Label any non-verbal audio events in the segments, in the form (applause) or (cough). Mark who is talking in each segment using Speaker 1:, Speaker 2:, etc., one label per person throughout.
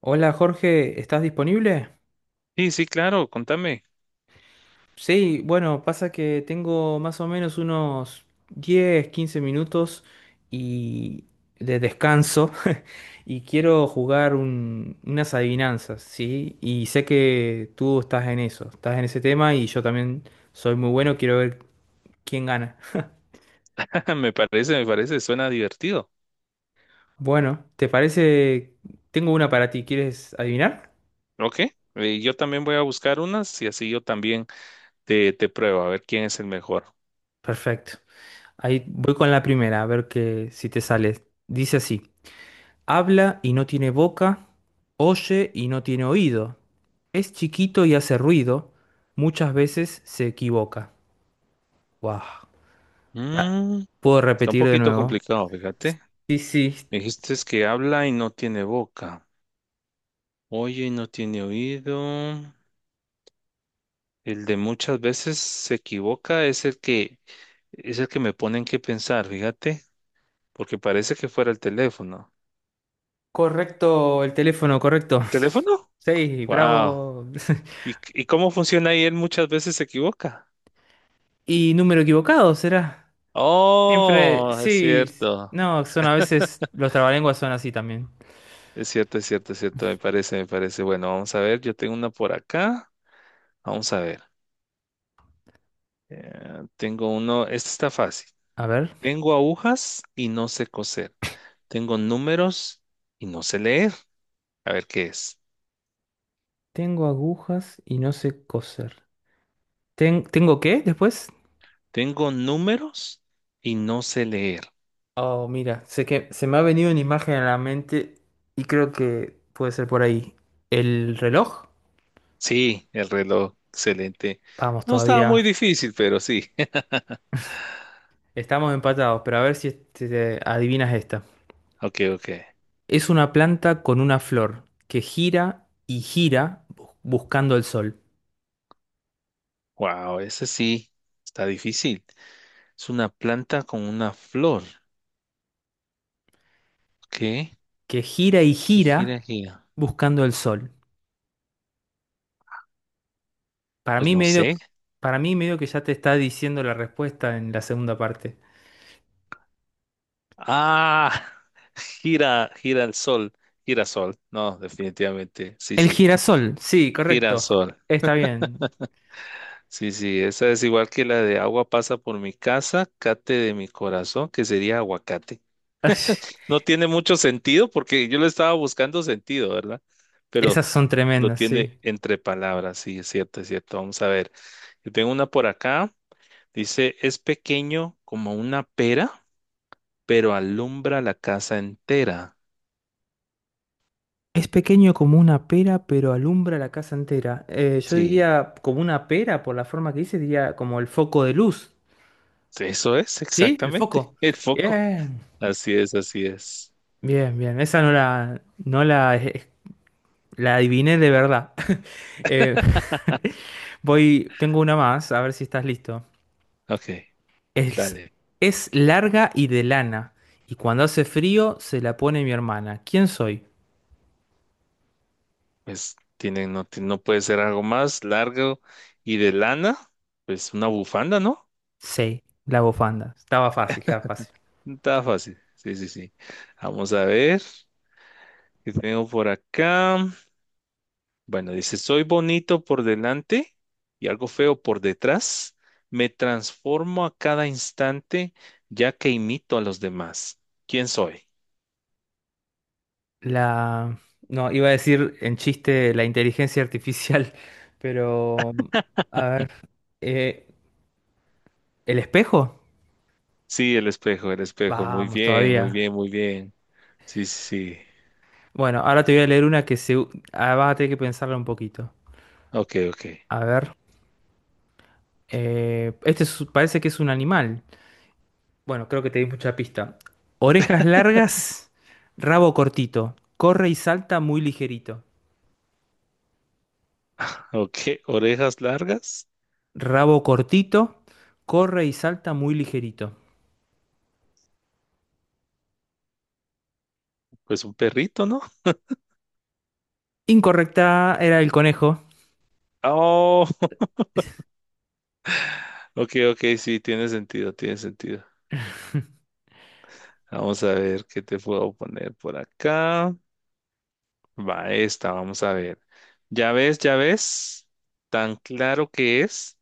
Speaker 1: Hola Jorge, ¿estás disponible?
Speaker 2: Sí, sí, claro, contame.
Speaker 1: Sí, bueno, pasa que tengo más o menos unos 10, 15 minutos y de descanso (laughs) y quiero jugar unas adivinanzas, ¿sí? Y sé que tú estás en eso, estás en ese tema y yo también soy muy bueno, quiero ver quién gana.
Speaker 2: (laughs) Me parece, suena divertido.
Speaker 1: Bueno, ¿te parece? Tengo una para ti, ¿quieres adivinar?
Speaker 2: Ok, yo también voy a buscar unas y así yo también te pruebo a ver quién es el mejor.
Speaker 1: Perfecto. Ahí voy con la primera, a ver que si te sale. Dice así. Habla y no tiene boca, oye y no tiene oído. Es chiquito y hace ruido, muchas veces se equivoca. Wow.
Speaker 2: Mm,
Speaker 1: ¿Puedo
Speaker 2: está un
Speaker 1: repetir de
Speaker 2: poquito
Speaker 1: nuevo?
Speaker 2: complicado, fíjate.
Speaker 1: Sí, sí,
Speaker 2: Me dijiste es que habla y no tiene boca, oye y no tiene oído. El de muchas veces se equivoca es el que me ponen que pensar, fíjate, porque parece que fuera el teléfono.
Speaker 1: correcto, el teléfono correcto.
Speaker 2: ¿El
Speaker 1: (laughs)
Speaker 2: teléfono?
Speaker 1: Sí,
Speaker 2: Wow.
Speaker 1: bravo. (laughs)
Speaker 2: ¿Y cómo funciona ahí? Él muchas veces se equivoca.
Speaker 1: ¿Y número equivocado será? Siempre,
Speaker 2: Oh, es
Speaker 1: sí,
Speaker 2: cierto.
Speaker 1: no, son a veces, los trabalenguas son así también.
Speaker 2: Es cierto, es cierto, es cierto. Me parece, me parece. Bueno, vamos a ver. Yo tengo una por acá. Vamos a ver. Tengo uno. Este está fácil.
Speaker 1: A ver,
Speaker 2: Tengo agujas y no sé coser. Tengo números y no sé leer. A ver qué es.
Speaker 1: tengo agujas y no sé coser. ¿Tengo qué después?
Speaker 2: Tengo números y no sé leer.
Speaker 1: Oh, mira, sé que se me ha venido una imagen a la mente y creo que puede ser por ahí. ¿El reloj?
Speaker 2: Sí, el reloj. Excelente.
Speaker 1: Vamos,
Speaker 2: No estaba
Speaker 1: todavía
Speaker 2: muy difícil, pero sí. (laughs)
Speaker 1: estamos empatados, pero a ver si te adivinas esta.
Speaker 2: Ok, ok.
Speaker 1: Es una planta con una flor que gira y gira buscando el sol.
Speaker 2: Wow, ese sí está difícil. Es una planta con una flor. ¿Qué?
Speaker 1: Que gira y
Speaker 2: ¿Qué gira,
Speaker 1: gira
Speaker 2: gira?
Speaker 1: buscando el sol. Para
Speaker 2: Pues
Speaker 1: mí
Speaker 2: no
Speaker 1: medio,
Speaker 2: sé.
Speaker 1: para mí medio que ya te está diciendo la respuesta en la segunda parte.
Speaker 2: Ah, (laughs) gira, gira el sol, girasol. No, definitivamente, sí,
Speaker 1: El
Speaker 2: sí,
Speaker 1: girasol, sí, correcto.
Speaker 2: girasol.
Speaker 1: Está bien.
Speaker 2: Sí, sí, esa es igual que la de agua pasa por mi casa, cate de mi corazón, que sería aguacate.
Speaker 1: (laughs)
Speaker 2: No tiene mucho sentido porque yo le estaba buscando sentido, ¿verdad?
Speaker 1: Esas
Speaker 2: Pero
Speaker 1: son
Speaker 2: lo
Speaker 1: tremendas,
Speaker 2: tiene
Speaker 1: sí.
Speaker 2: entre palabras, sí, es cierto, es cierto. Vamos a ver. Yo tengo una por acá. Dice, es pequeño como una pera pero alumbra la casa entera.
Speaker 1: Es pequeño como una pera, pero alumbra la casa entera. Yo
Speaker 2: Sí,
Speaker 1: diría como una pera, por la forma que dice, diría como el foco de luz.
Speaker 2: eso es
Speaker 1: ¿Sí? El
Speaker 2: exactamente
Speaker 1: foco.
Speaker 2: (laughs) el foco.
Speaker 1: Bien,
Speaker 2: Así es, así es.
Speaker 1: bien, bien. Esa no la, la adiviné de verdad. (laughs) Eh, (laughs) voy, tengo una más, a ver si estás listo.
Speaker 2: Ok,
Speaker 1: Es,
Speaker 2: dale.
Speaker 1: es larga y de lana, y cuando hace frío se la pone mi hermana. ¿Quién soy?
Speaker 2: Pues tiene, no, no puede ser algo más largo y de lana. Pues una bufanda, ¿no?
Speaker 1: Sí, la bufanda. Estaba fácil, estaba fácil.
Speaker 2: Está fácil. Sí, sí, sí. Vamos a ver qué tengo por acá. Bueno, dice, soy bonito por delante y algo feo por detrás. Me transformo a cada instante ya que imito a los demás. ¿Quién soy?
Speaker 1: La... No, iba a decir en chiste la inteligencia artificial, (laughs) pero... A ver. eh, ¿El espejo?
Speaker 2: Sí, el espejo, el espejo. Muy
Speaker 1: Vamos,
Speaker 2: bien, muy
Speaker 1: todavía.
Speaker 2: bien, muy bien. Sí, sí, sí.
Speaker 1: Bueno, ahora te voy a leer una que vas a tener que pensarla un poquito.
Speaker 2: Ok, ok.
Speaker 1: A ver. Parece que es un animal. Bueno, creo que te di mucha pista. Orejas largas, rabo cortito. Corre y salta muy ligerito.
Speaker 2: Ok, orejas largas.
Speaker 1: Rabo cortito, corre y salta muy ligerito.
Speaker 2: Pues un perrito, ¿no?
Speaker 1: Incorrecta era el conejo.
Speaker 2: Oh, (laughs) ok, ok, sí, tiene sentido, tiene sentido. Vamos a ver qué te puedo poner por acá. Va esta, vamos a ver. Ya ves, tan claro que es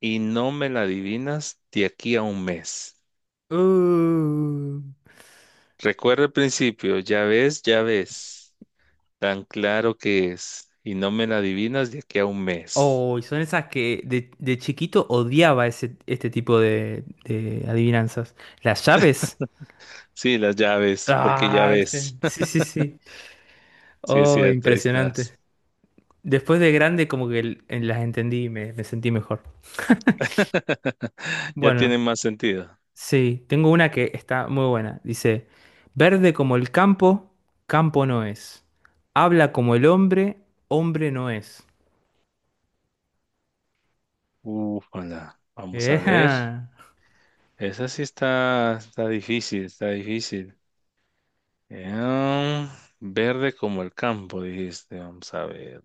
Speaker 2: y no me la adivinas de aquí a un mes.
Speaker 1: Uh.
Speaker 2: Recuerda el principio, ya ves, ya ves. Tan claro que es. Y no me la adivinas de aquí a un mes.
Speaker 1: Oh, y son esas que de chiquito odiaba ese, este tipo de adivinanzas. Las llaves.
Speaker 2: Sí, las llaves, porque ya
Speaker 1: Ah, viste.
Speaker 2: ves.
Speaker 1: Sí,
Speaker 2: (laughs)
Speaker 1: sí, sí.
Speaker 2: Sí, es
Speaker 1: Oh,
Speaker 2: cierto, ahí
Speaker 1: impresionante.
Speaker 2: estás.
Speaker 1: Después de grande como que las entendí y me sentí mejor.
Speaker 2: (laughs) Ya
Speaker 1: Bueno,
Speaker 2: tiene más sentido.
Speaker 1: sí, tengo una que está muy buena. Dice, verde como el campo, campo no es. Habla como el hombre, hombre no es.
Speaker 2: Ufala.
Speaker 1: (laughs)
Speaker 2: Vamos a ver.
Speaker 1: Ejá.
Speaker 2: Esa sí está, está difícil, está difícil. Em, verde como el campo, dijiste. Vamos a ver.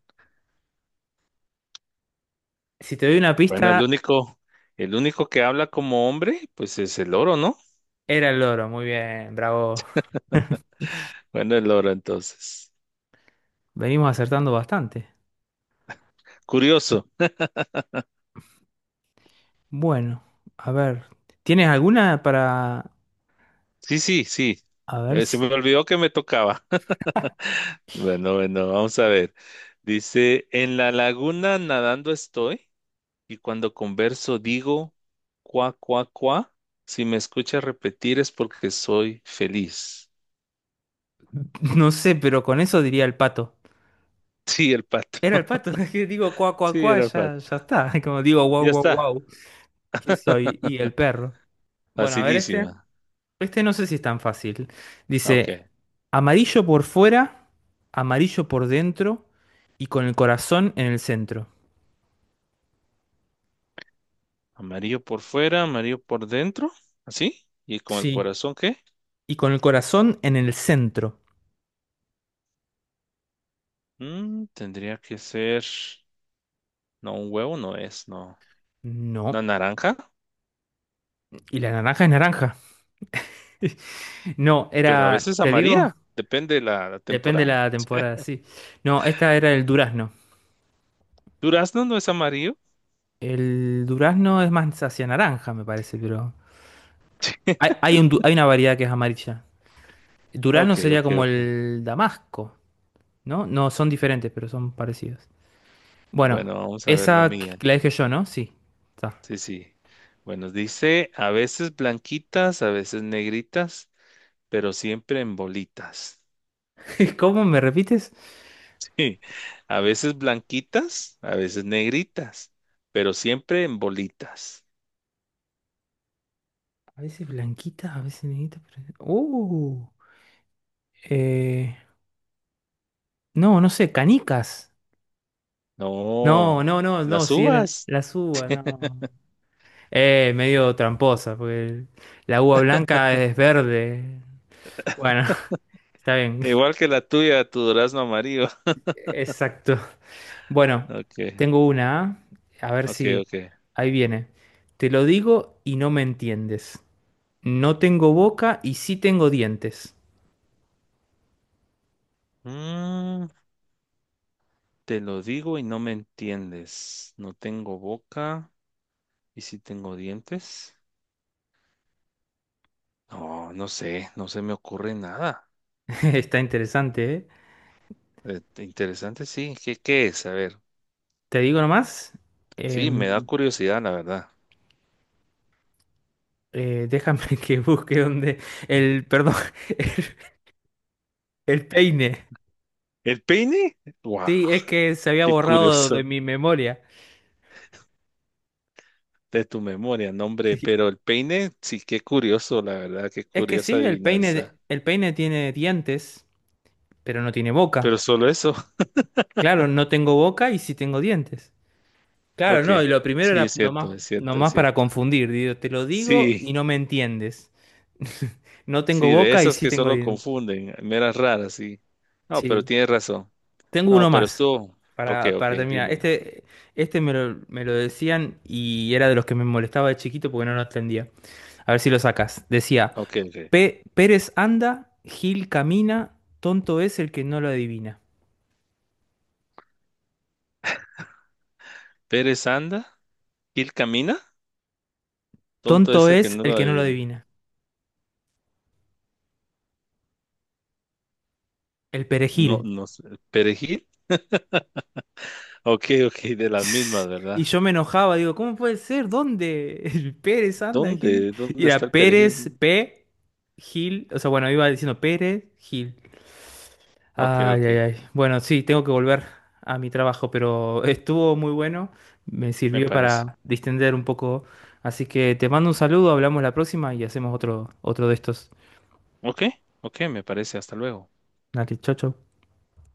Speaker 1: Si te doy una
Speaker 2: Bueno,
Speaker 1: pista...
Speaker 2: el único que habla como hombre, pues es el oro, ¿no?
Speaker 1: Era el loro, muy bien, bravo.
Speaker 2: (laughs) Bueno, el oro entonces.
Speaker 1: Venimos acertando bastante.
Speaker 2: Curioso.
Speaker 1: Bueno, a ver, ¿tienes alguna para...
Speaker 2: Sí, sí, sí.
Speaker 1: A ver
Speaker 2: Se
Speaker 1: si...
Speaker 2: me olvidó que me tocaba. (laughs) Bueno, bueno, vamos a ver. Dice, en la laguna nadando estoy y cuando converso digo, cuá, cuá, cuá. Si me escuchas repetir es porque soy feliz. (laughs)
Speaker 1: (laughs) No sé, pero con eso diría el pato.
Speaker 2: Sí, el pato.
Speaker 1: Era el
Speaker 2: (laughs)
Speaker 1: pato, (laughs) es que digo cuá, cuá,
Speaker 2: Sí,
Speaker 1: cuá,
Speaker 2: era
Speaker 1: ya,
Speaker 2: pato.
Speaker 1: ya está. (laughs) Como digo guau,
Speaker 2: Ya
Speaker 1: guau,
Speaker 2: está.
Speaker 1: guau, ¿qué soy? Y el perro. Bueno, a ver este.
Speaker 2: Facilísima.
Speaker 1: Este no sé si es tan fácil.
Speaker 2: Ah,
Speaker 1: Dice,
Speaker 2: ok.
Speaker 1: amarillo por fuera, amarillo por dentro y con el corazón en el centro.
Speaker 2: Amarillo por fuera, amarillo por dentro. Así. ¿Y con el
Speaker 1: Sí.
Speaker 2: corazón qué?
Speaker 1: Y con el corazón en el centro.
Speaker 2: Mm, tendría que ser... No, un huevo no es, no. ¿Una
Speaker 1: No.
Speaker 2: naranja?
Speaker 1: Y la naranja es naranja. (laughs) No,
Speaker 2: Pero a
Speaker 1: era,
Speaker 2: veces
Speaker 1: te digo,
Speaker 2: amarilla, depende de la, la
Speaker 1: depende de
Speaker 2: temporada.
Speaker 1: la temporada, sí. No, esta era el durazno.
Speaker 2: Durazno no es amarillo.
Speaker 1: El durazno es más hacia naranja, me parece, pero hay,
Speaker 2: (laughs)
Speaker 1: hay hay una variedad que es amarilla. El durazno
Speaker 2: Ok,
Speaker 1: sería
Speaker 2: ok,
Speaker 1: como
Speaker 2: ok.
Speaker 1: el damasco, ¿no? No, son diferentes, pero son parecidos. Bueno,
Speaker 2: Bueno, vamos a ver la
Speaker 1: esa
Speaker 2: mía.
Speaker 1: la dije yo, ¿no? Sí. Está.
Speaker 2: Sí, sí. Bueno, dice, a veces blanquitas, a veces negritas, pero siempre en bolitas. (laughs)
Speaker 1: (laughs) ¿Cómo me repites?
Speaker 2: Sí, a veces blanquitas, a veces negritas, pero siempre en bolitas.
Speaker 1: A veces blanquita, a veces negrita. Eh, no, no sé, canicas. No,
Speaker 2: No,
Speaker 1: no, no, no,
Speaker 2: las
Speaker 1: si eran
Speaker 2: uvas,
Speaker 1: las uvas, no. Medio tramposa, porque la uva blanca es verde. Bueno, (laughs) está bien,
Speaker 2: igual que la tuya, tu durazno amarillo. (laughs)
Speaker 1: exacto. Bueno,
Speaker 2: Ok,
Speaker 1: tengo una, ¿ah? A ver
Speaker 2: ok,
Speaker 1: si
Speaker 2: ok.
Speaker 1: ahí viene. Te lo digo y no me entiendes. No tengo boca y sí tengo dientes.
Speaker 2: Mm, te lo digo y no me entiendes. No tengo boca y si tengo dientes. No, no sé, no se me ocurre nada.
Speaker 1: (laughs) Está interesante, ¿eh?
Speaker 2: Interesante, sí. ¿Qué es? A ver.
Speaker 1: Te digo nomás.
Speaker 2: Sí, me da
Speaker 1: em,
Speaker 2: curiosidad, la verdad.
Speaker 1: Déjame (laughs) que busque donde el, perdón, (laughs) el peine.
Speaker 2: ¿El peine? ¡Wow!
Speaker 1: Sí, es que se había
Speaker 2: Qué
Speaker 1: borrado
Speaker 2: curioso.
Speaker 1: de mi
Speaker 2: (laughs)
Speaker 1: memoria.
Speaker 2: De tu memoria, nombre.
Speaker 1: Sí.
Speaker 2: Pero el peine, sí, qué curioso, la verdad. Qué
Speaker 1: Es que
Speaker 2: curiosa
Speaker 1: sí,
Speaker 2: adivinanza.
Speaker 1: el peine tiene dientes, pero no tiene
Speaker 2: Pero
Speaker 1: boca.
Speaker 2: solo eso. (laughs)
Speaker 1: Claro, no tengo boca y sí tengo dientes. Claro,
Speaker 2: Ok.
Speaker 1: no, y lo primero
Speaker 2: Sí,
Speaker 1: era
Speaker 2: es cierto,
Speaker 1: nomás,
Speaker 2: es cierto, es
Speaker 1: nomás para
Speaker 2: cierto.
Speaker 1: confundir. Digo, te lo digo
Speaker 2: Sí.
Speaker 1: y no me entiendes. (laughs) No tengo
Speaker 2: Sí, de
Speaker 1: boca y
Speaker 2: esas
Speaker 1: sí
Speaker 2: que
Speaker 1: tengo
Speaker 2: solo
Speaker 1: dientes.
Speaker 2: confunden, meras raras, sí. No, pero
Speaker 1: Sí.
Speaker 2: tienes razón.
Speaker 1: Tengo uno
Speaker 2: No, pero
Speaker 1: más
Speaker 2: estuvo. Ok, ok,
Speaker 1: para terminar.
Speaker 2: dímelo.
Speaker 1: Este me lo decían y era de los que me molestaba de chiquito porque no lo entendía. A ver si lo sacas. Decía.
Speaker 2: Ok, ok.
Speaker 1: Pérez anda, Gil camina, tonto es el que no lo adivina.
Speaker 2: Pérez anda, Gil camina. Tonto
Speaker 1: Tonto
Speaker 2: es el que
Speaker 1: es
Speaker 2: no
Speaker 1: el
Speaker 2: lo
Speaker 1: que no lo
Speaker 2: adivina.
Speaker 1: adivina. El
Speaker 2: No,
Speaker 1: perejil.
Speaker 2: no sé. ¿Perejil? Ok, ok, de las
Speaker 1: (laughs)
Speaker 2: mismas,
Speaker 1: Y
Speaker 2: ¿verdad?
Speaker 1: yo me enojaba, digo, ¿cómo puede ser? ¿Dónde? El Pérez anda, Gil.
Speaker 2: ¿Dónde?
Speaker 1: Y
Speaker 2: ¿Dónde está
Speaker 1: era
Speaker 2: el
Speaker 1: Pérez,
Speaker 2: perejil?
Speaker 1: P, Gil. O sea, bueno, iba diciendo Pérez, Gil.
Speaker 2: Ok,
Speaker 1: Ay,
Speaker 2: ok,
Speaker 1: ay, ay. Bueno, sí, tengo que volver a mi trabajo, pero estuvo muy bueno. Me
Speaker 2: me
Speaker 1: sirvió
Speaker 2: parece.
Speaker 1: para distender un poco. Así que te mando un saludo, hablamos la próxima y hacemos otro de estos.
Speaker 2: Ok, ok, me parece. Hasta luego.
Speaker 1: Dale, chau, chau.